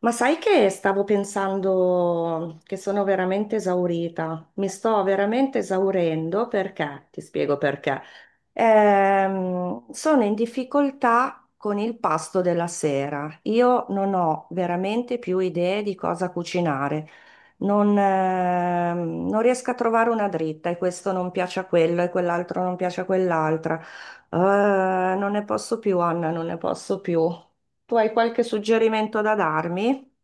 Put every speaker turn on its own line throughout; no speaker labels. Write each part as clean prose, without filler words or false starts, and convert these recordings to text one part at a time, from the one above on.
Ma sai che stavo pensando che sono veramente esaurita, mi sto veramente esaurendo perché, ti spiego perché, sono in difficoltà con il pasto della sera. Io non ho veramente più idee di cosa cucinare, non riesco a trovare una dritta e questo non piace a quello e quell'altro non piace a quell'altra. Non ne posso più, Anna, non ne posso più. Tu hai qualche suggerimento da darmi?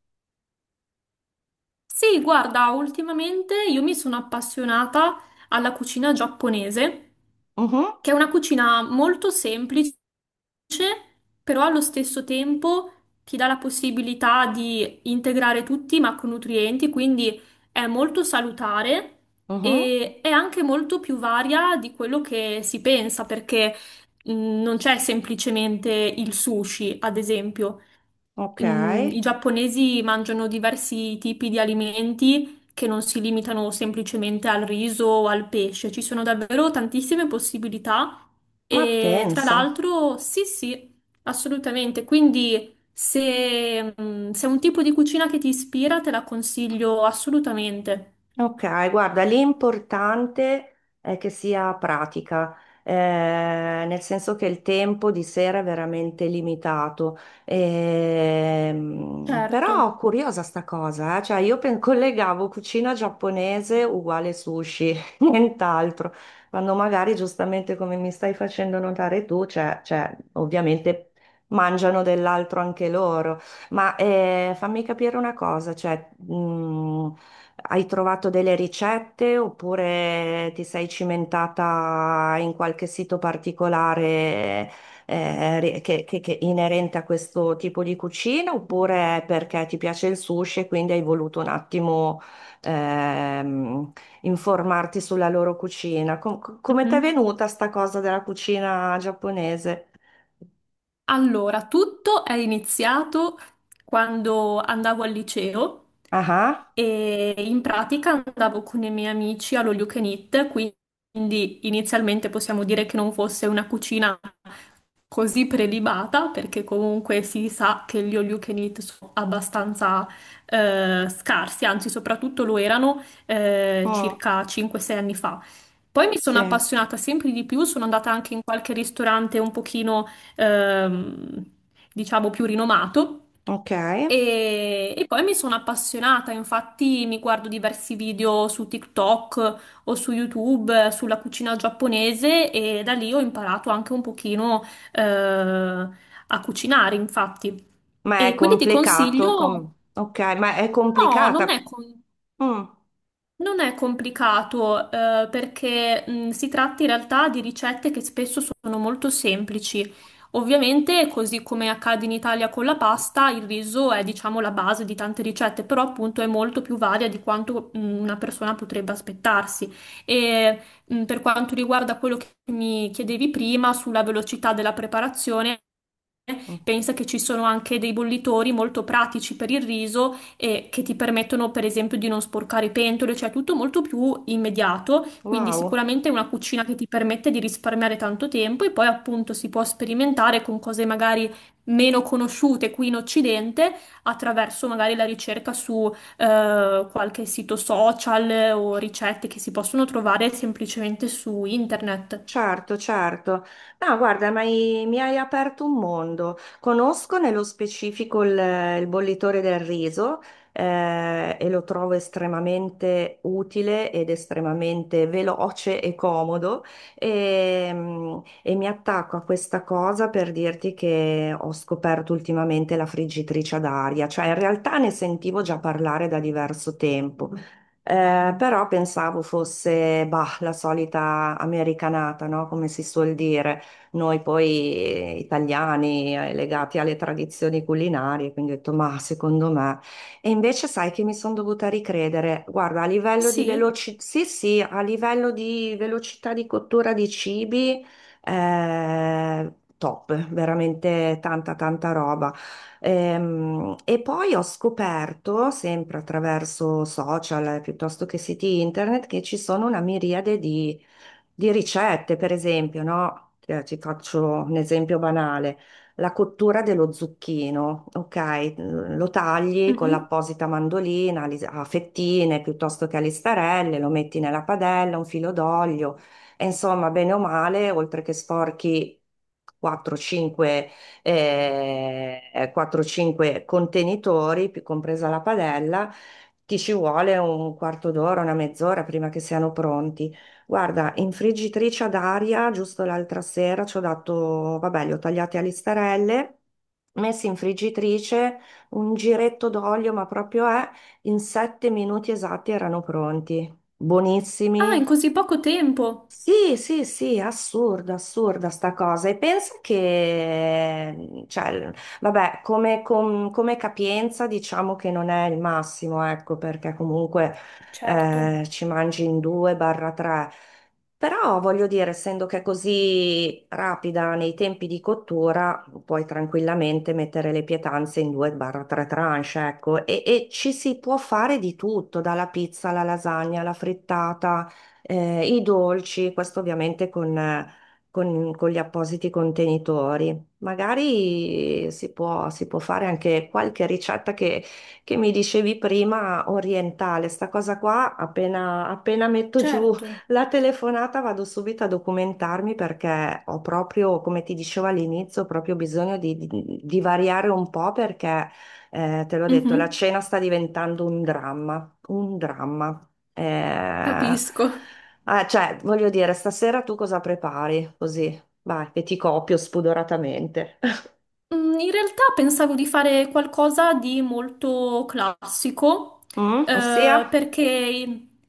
Sì, guarda, ultimamente io mi sono appassionata alla cucina giapponese,
Mhm,
che è una cucina molto semplice, però allo stesso tempo ti dà la possibilità di integrare tutti i macronutrienti, quindi è molto salutare
mhm.
e è anche molto più varia di quello che si pensa, perché mh, non c'è semplicemente il sushi, ad esempio.
Ok,
I giapponesi mangiano diversi tipi di alimenti che non si limitano semplicemente al riso o al pesce, ci sono davvero tantissime possibilità
ma
e tra
pensa.
l'altro sì, sì, assolutamente. Quindi se è un tipo di cucina che ti ispira, te la consiglio assolutamente.
Ok, guarda, l'importante è che sia pratica, eh, nel senso che il tempo di sera è veramente limitato.
Certo.
Però curiosa sta cosa, cioè io collegavo cucina giapponese uguale sushi, nient'altro, quando magari giustamente come mi stai facendo notare tu, cioè, ovviamente mangiano dell'altro anche loro. Ma fammi capire una cosa, cioè, hai trovato delle ricette oppure ti sei cimentata in qualche sito particolare che inerente a questo tipo di cucina oppure perché ti piace il sushi e quindi hai voluto un attimo ehm, informarti sulla loro cucina. Come ti è
Mhm.
venuta sta cosa della cucina giapponese?
Allora, tutto è iniziato quando andavo al liceo
Ah,
e in pratica andavo con i miei amici all'All You Can Eat, quindi inizialmente possiamo dire che non fosse una cucina così prelibata perché comunque si sa che gli all you can eat sono abbastanza scarsi, anzi soprattutto lo erano
ah, mm,
circa 5-6 anni fa. Poi mi sono
sì,
appassionata sempre di più, sono andata anche in qualche ristorante un pochino, ehm, diciamo, più rinomato
ok.
e poi mi sono appassionata, infatti mi guardo diversi video su TikTok o su YouTube sulla cucina giapponese e da lì ho imparato anche un pochino a cucinare, infatti.
Ma è
E quindi ti
complicato,
consiglio,
ok, ma è
no,
complicata. Mm,
non è complicato, perché si tratta in realtà di ricette che spesso sono molto semplici. Ovviamente, così come accade in Italia con la pasta, il riso è, diciamo, la base di tante ricette, però appunto è molto più varia di quanto una persona potrebbe aspettarsi. E per quanto riguarda quello che mi chiedevi prima sulla velocità della preparazione,
mm,
pensa che ci sono anche dei bollitori molto pratici per il riso e che ti permettono, per esempio, di non sporcare pentole, cioè tutto molto più immediato. Quindi
wow,
sicuramente è una cucina che ti permette di risparmiare tanto tempo e poi appunto si può sperimentare con cose magari meno conosciute qui in Occidente attraverso magari la ricerca su qualche sito social o ricette che si possono trovare semplicemente su internet.
certo, certo. No, guarda, ma mi hai aperto un mondo. Conosco nello specifico il bollitore del riso e lo trovo estremamente utile ed estremamente veloce e comodo e mi attacco a questa cosa per dirti che ho scoperto ultimamente la friggitrice ad aria, cioè in realtà ne sentivo già parlare da diverso tempo. Però pensavo fosse bah, la solita americanata, no? Come si suol dire, noi poi italiani legati alle tradizioni culinarie, quindi ho detto ma secondo me. E invece sai che mi sono dovuta ricredere, guarda, a livello di
Sì.
sì, sì, a livello di velocità di cottura di cibi, eh, top, veramente tanta tanta roba. E poi ho scoperto, sempre attraverso social piuttosto che siti internet, che ci sono una miriade di, ricette, per esempio, no? Ti faccio un esempio banale. La cottura dello zucchino, ok? Lo tagli con
Mhm.
l'apposita mandolina a fettine piuttosto che a listarelle, lo metti nella padella, un filo d'olio, e insomma, bene o male, oltre che sporchi 4-5 eh, 4-5 contenitori, compresa la padella, ti ci vuole un quarto d'ora, una mezz'ora prima che siano pronti. Guarda, in friggitrice ad aria, giusto l'altra sera ci ho dato, vabbè, li ho tagliati a listarelle, messi in friggitrice, un giretto d'olio, ma proprio è, in 7 minuti esatti erano pronti.
Ah,
Buonissimi,
in così poco tempo.
sì, sì, sì, assurda, assurda sta cosa. E pensa che, cioè, vabbè, come, come capienza diciamo che non è il massimo, ecco, perché comunque
Certo,
ci mangi in due barra tre. Però voglio dire, essendo che è così rapida nei tempi di cottura, puoi tranquillamente mettere le pietanze in due barra tre tranche, ecco, e ci si può fare di tutto, dalla pizza alla lasagna, alla frittata i dolci, questo ovviamente con gli appositi contenitori. Magari si può fare anche qualche ricetta che mi dicevi prima, orientale. Sta cosa qua, appena, appena metto giù
certo.
la telefonata, vado subito a documentarmi perché ho proprio, come ti dicevo all'inizio, proprio bisogno di, di variare un po' perché, te l'ho detto, la
Mhm,
cena sta diventando un dramma, un dramma. Eh,
capisco.
ah, cioè, voglio dire, stasera tu cosa prepari? Così, vai, che ti copio spudoratamente.
In realtà pensavo di fare qualcosa di molto classico,
Mm? Ossia?
perché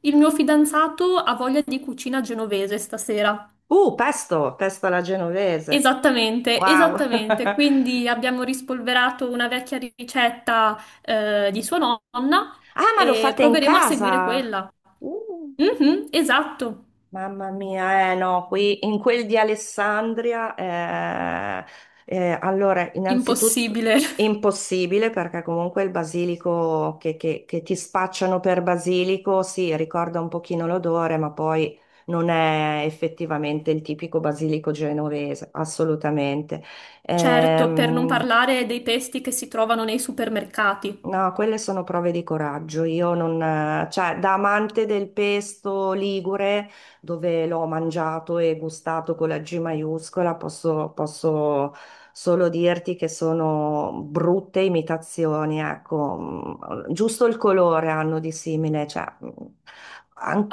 il mio fidanzato ha voglia di cucina genovese stasera.
Pesto, pesto alla genovese.
Esattamente,
Wow.
esattamente. Quindi abbiamo rispolverato una vecchia ricetta, di sua nonna
Ah, ma lo
e
fate in
proveremo a seguire
casa?
quella.
Uh.
Mhm, esatto.
Mamma mia, eh no, qui in quel di Alessandria, allora, innanzitutto
Impossibile.
impossibile perché comunque il basilico che ti spacciano per basilico, sì, ricorda un pochino l'odore, ma poi non è effettivamente il tipico basilico genovese, assolutamente.
Certo, per non
Ehm,
parlare dei pesti che si trovano nei supermercati.
No, quelle sono prove di coraggio. Io non, cioè, da amante del pesto ligure, dove l'ho mangiato e gustato con la G maiuscola, posso, posso solo dirti che sono brutte imitazioni, ecco. Mm, giusto il colore hanno di simile, cioè,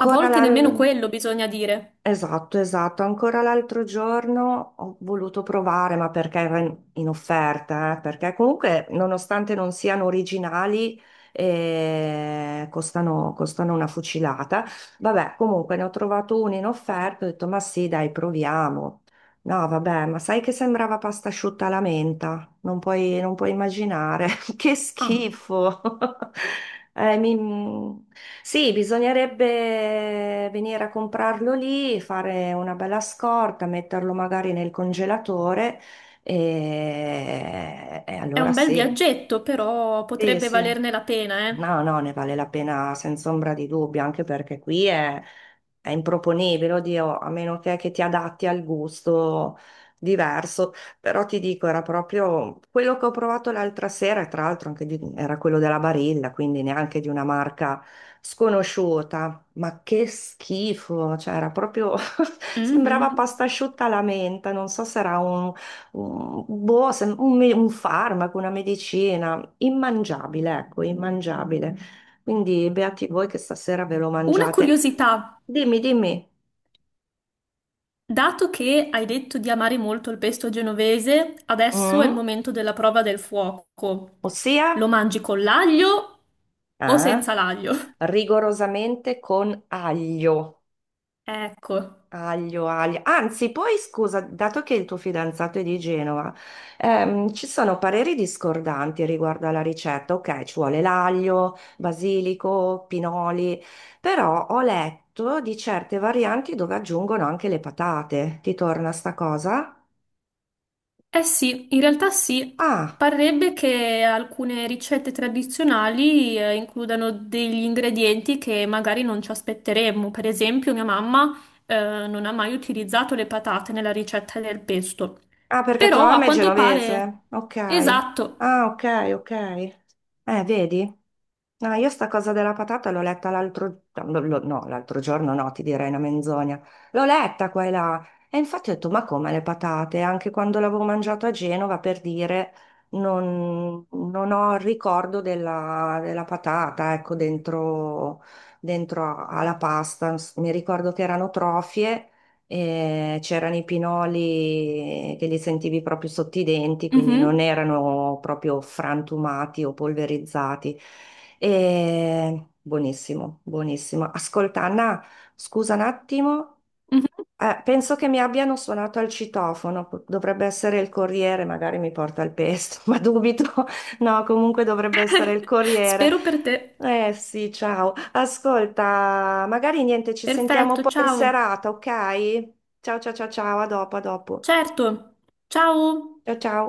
A volte nemmeno
la.
quello bisogna dire.
Esatto, esatto. Ancora l'altro giorno ho voluto provare, ma perché era in offerta, perché comunque, nonostante non siano originali, costano, costano una fucilata. Vabbè, comunque ne ho trovato uno in offerta, ho detto, ma sì, dai, proviamo. No, vabbè, ma sai che sembrava pasta asciutta alla menta? Non puoi, non puoi immaginare. Che
Ah,
schifo! Eh, mi- Sì, bisognerebbe venire a comprarlo lì, fare una bella scorta, metterlo magari nel congelatore e
è
allora
un bel
sì.
viaggetto, però
Sì,
potrebbe
sì.
valerne la pena, eh.
No, no, ne vale la pena senza ombra di dubbio, anche perché qui è improponibile, oddio, a meno che ti adatti al gusto diverso. Però ti dico, era proprio quello che ho provato l'altra sera, e tra l'altro anche era quello della Barilla, quindi neanche di una marca sconosciuta. Ma che schifo, cioè era proprio, sembrava
Mhm.
pasta asciutta alla menta, non so se era un, boh, un farmaco, una medicina. Immangiabile, ecco, immangiabile. Quindi beati voi che stasera ve lo
Una
mangiate.
curiosità.
Dimmi, dimmi.
Dato che hai detto di amare molto il pesto genovese, adesso è il
Mm?
momento della prova del fuoco.
Ossia?
Lo mangi con l'aglio o
Ah,
senza l'aglio?
rigorosamente con aglio.
Ecco.
Aglio, aglio. Anzi, poi scusa, dato che il tuo fidanzato è di Genova, ci sono pareri discordanti riguardo alla ricetta. Ok, ci vuole l'aglio, basilico, pinoli, però ho letto di certe varianti dove aggiungono anche le patate. Ti torna sta cosa?
Eh sì, in realtà sì.
Ah,
Parrebbe che alcune ricette tradizionali includano degli ingredienti che magari non ci aspetteremmo. Per esempio, mia mamma non ha mai utilizzato le patate nella ricetta del pesto.
ah, perché tua
Però a
mamma è
quanto pare...
genovese. Ok.
Esatto.
Ah, ok, ok. Vedi? No, io sta cosa della patata l'ho letta l'altro no, no, l'altro giorno no, ti direi una menzogna. L'ho letta qua e là. E infatti ho detto, ma come le patate? Anche quando l'avevo mangiato a Genova, per dire, non, non ho il ricordo della patata, ecco, dentro, dentro alla pasta. Mi ricordo che erano trofie c'erano i pinoli che li sentivi proprio sotto i denti, quindi non
Mhm,
erano proprio frantumati o polverizzati. E buonissimo, buonissimo. Ascolta, Anna, scusa un attimo,
mhm.
penso che mi abbiano suonato al citofono, dovrebbe essere il corriere, magari mi porta il pesto, ma dubito. No, comunque dovrebbe essere il corriere.
Spero per te.
Eh sì, ciao. Ascolta, magari niente, ci sentiamo
Perfetto,
poi in
ciao.
serata, ok? Ciao, ciao, ciao, ciao, a dopo, a dopo.
Certo. Ciao.
Ciao, ciao.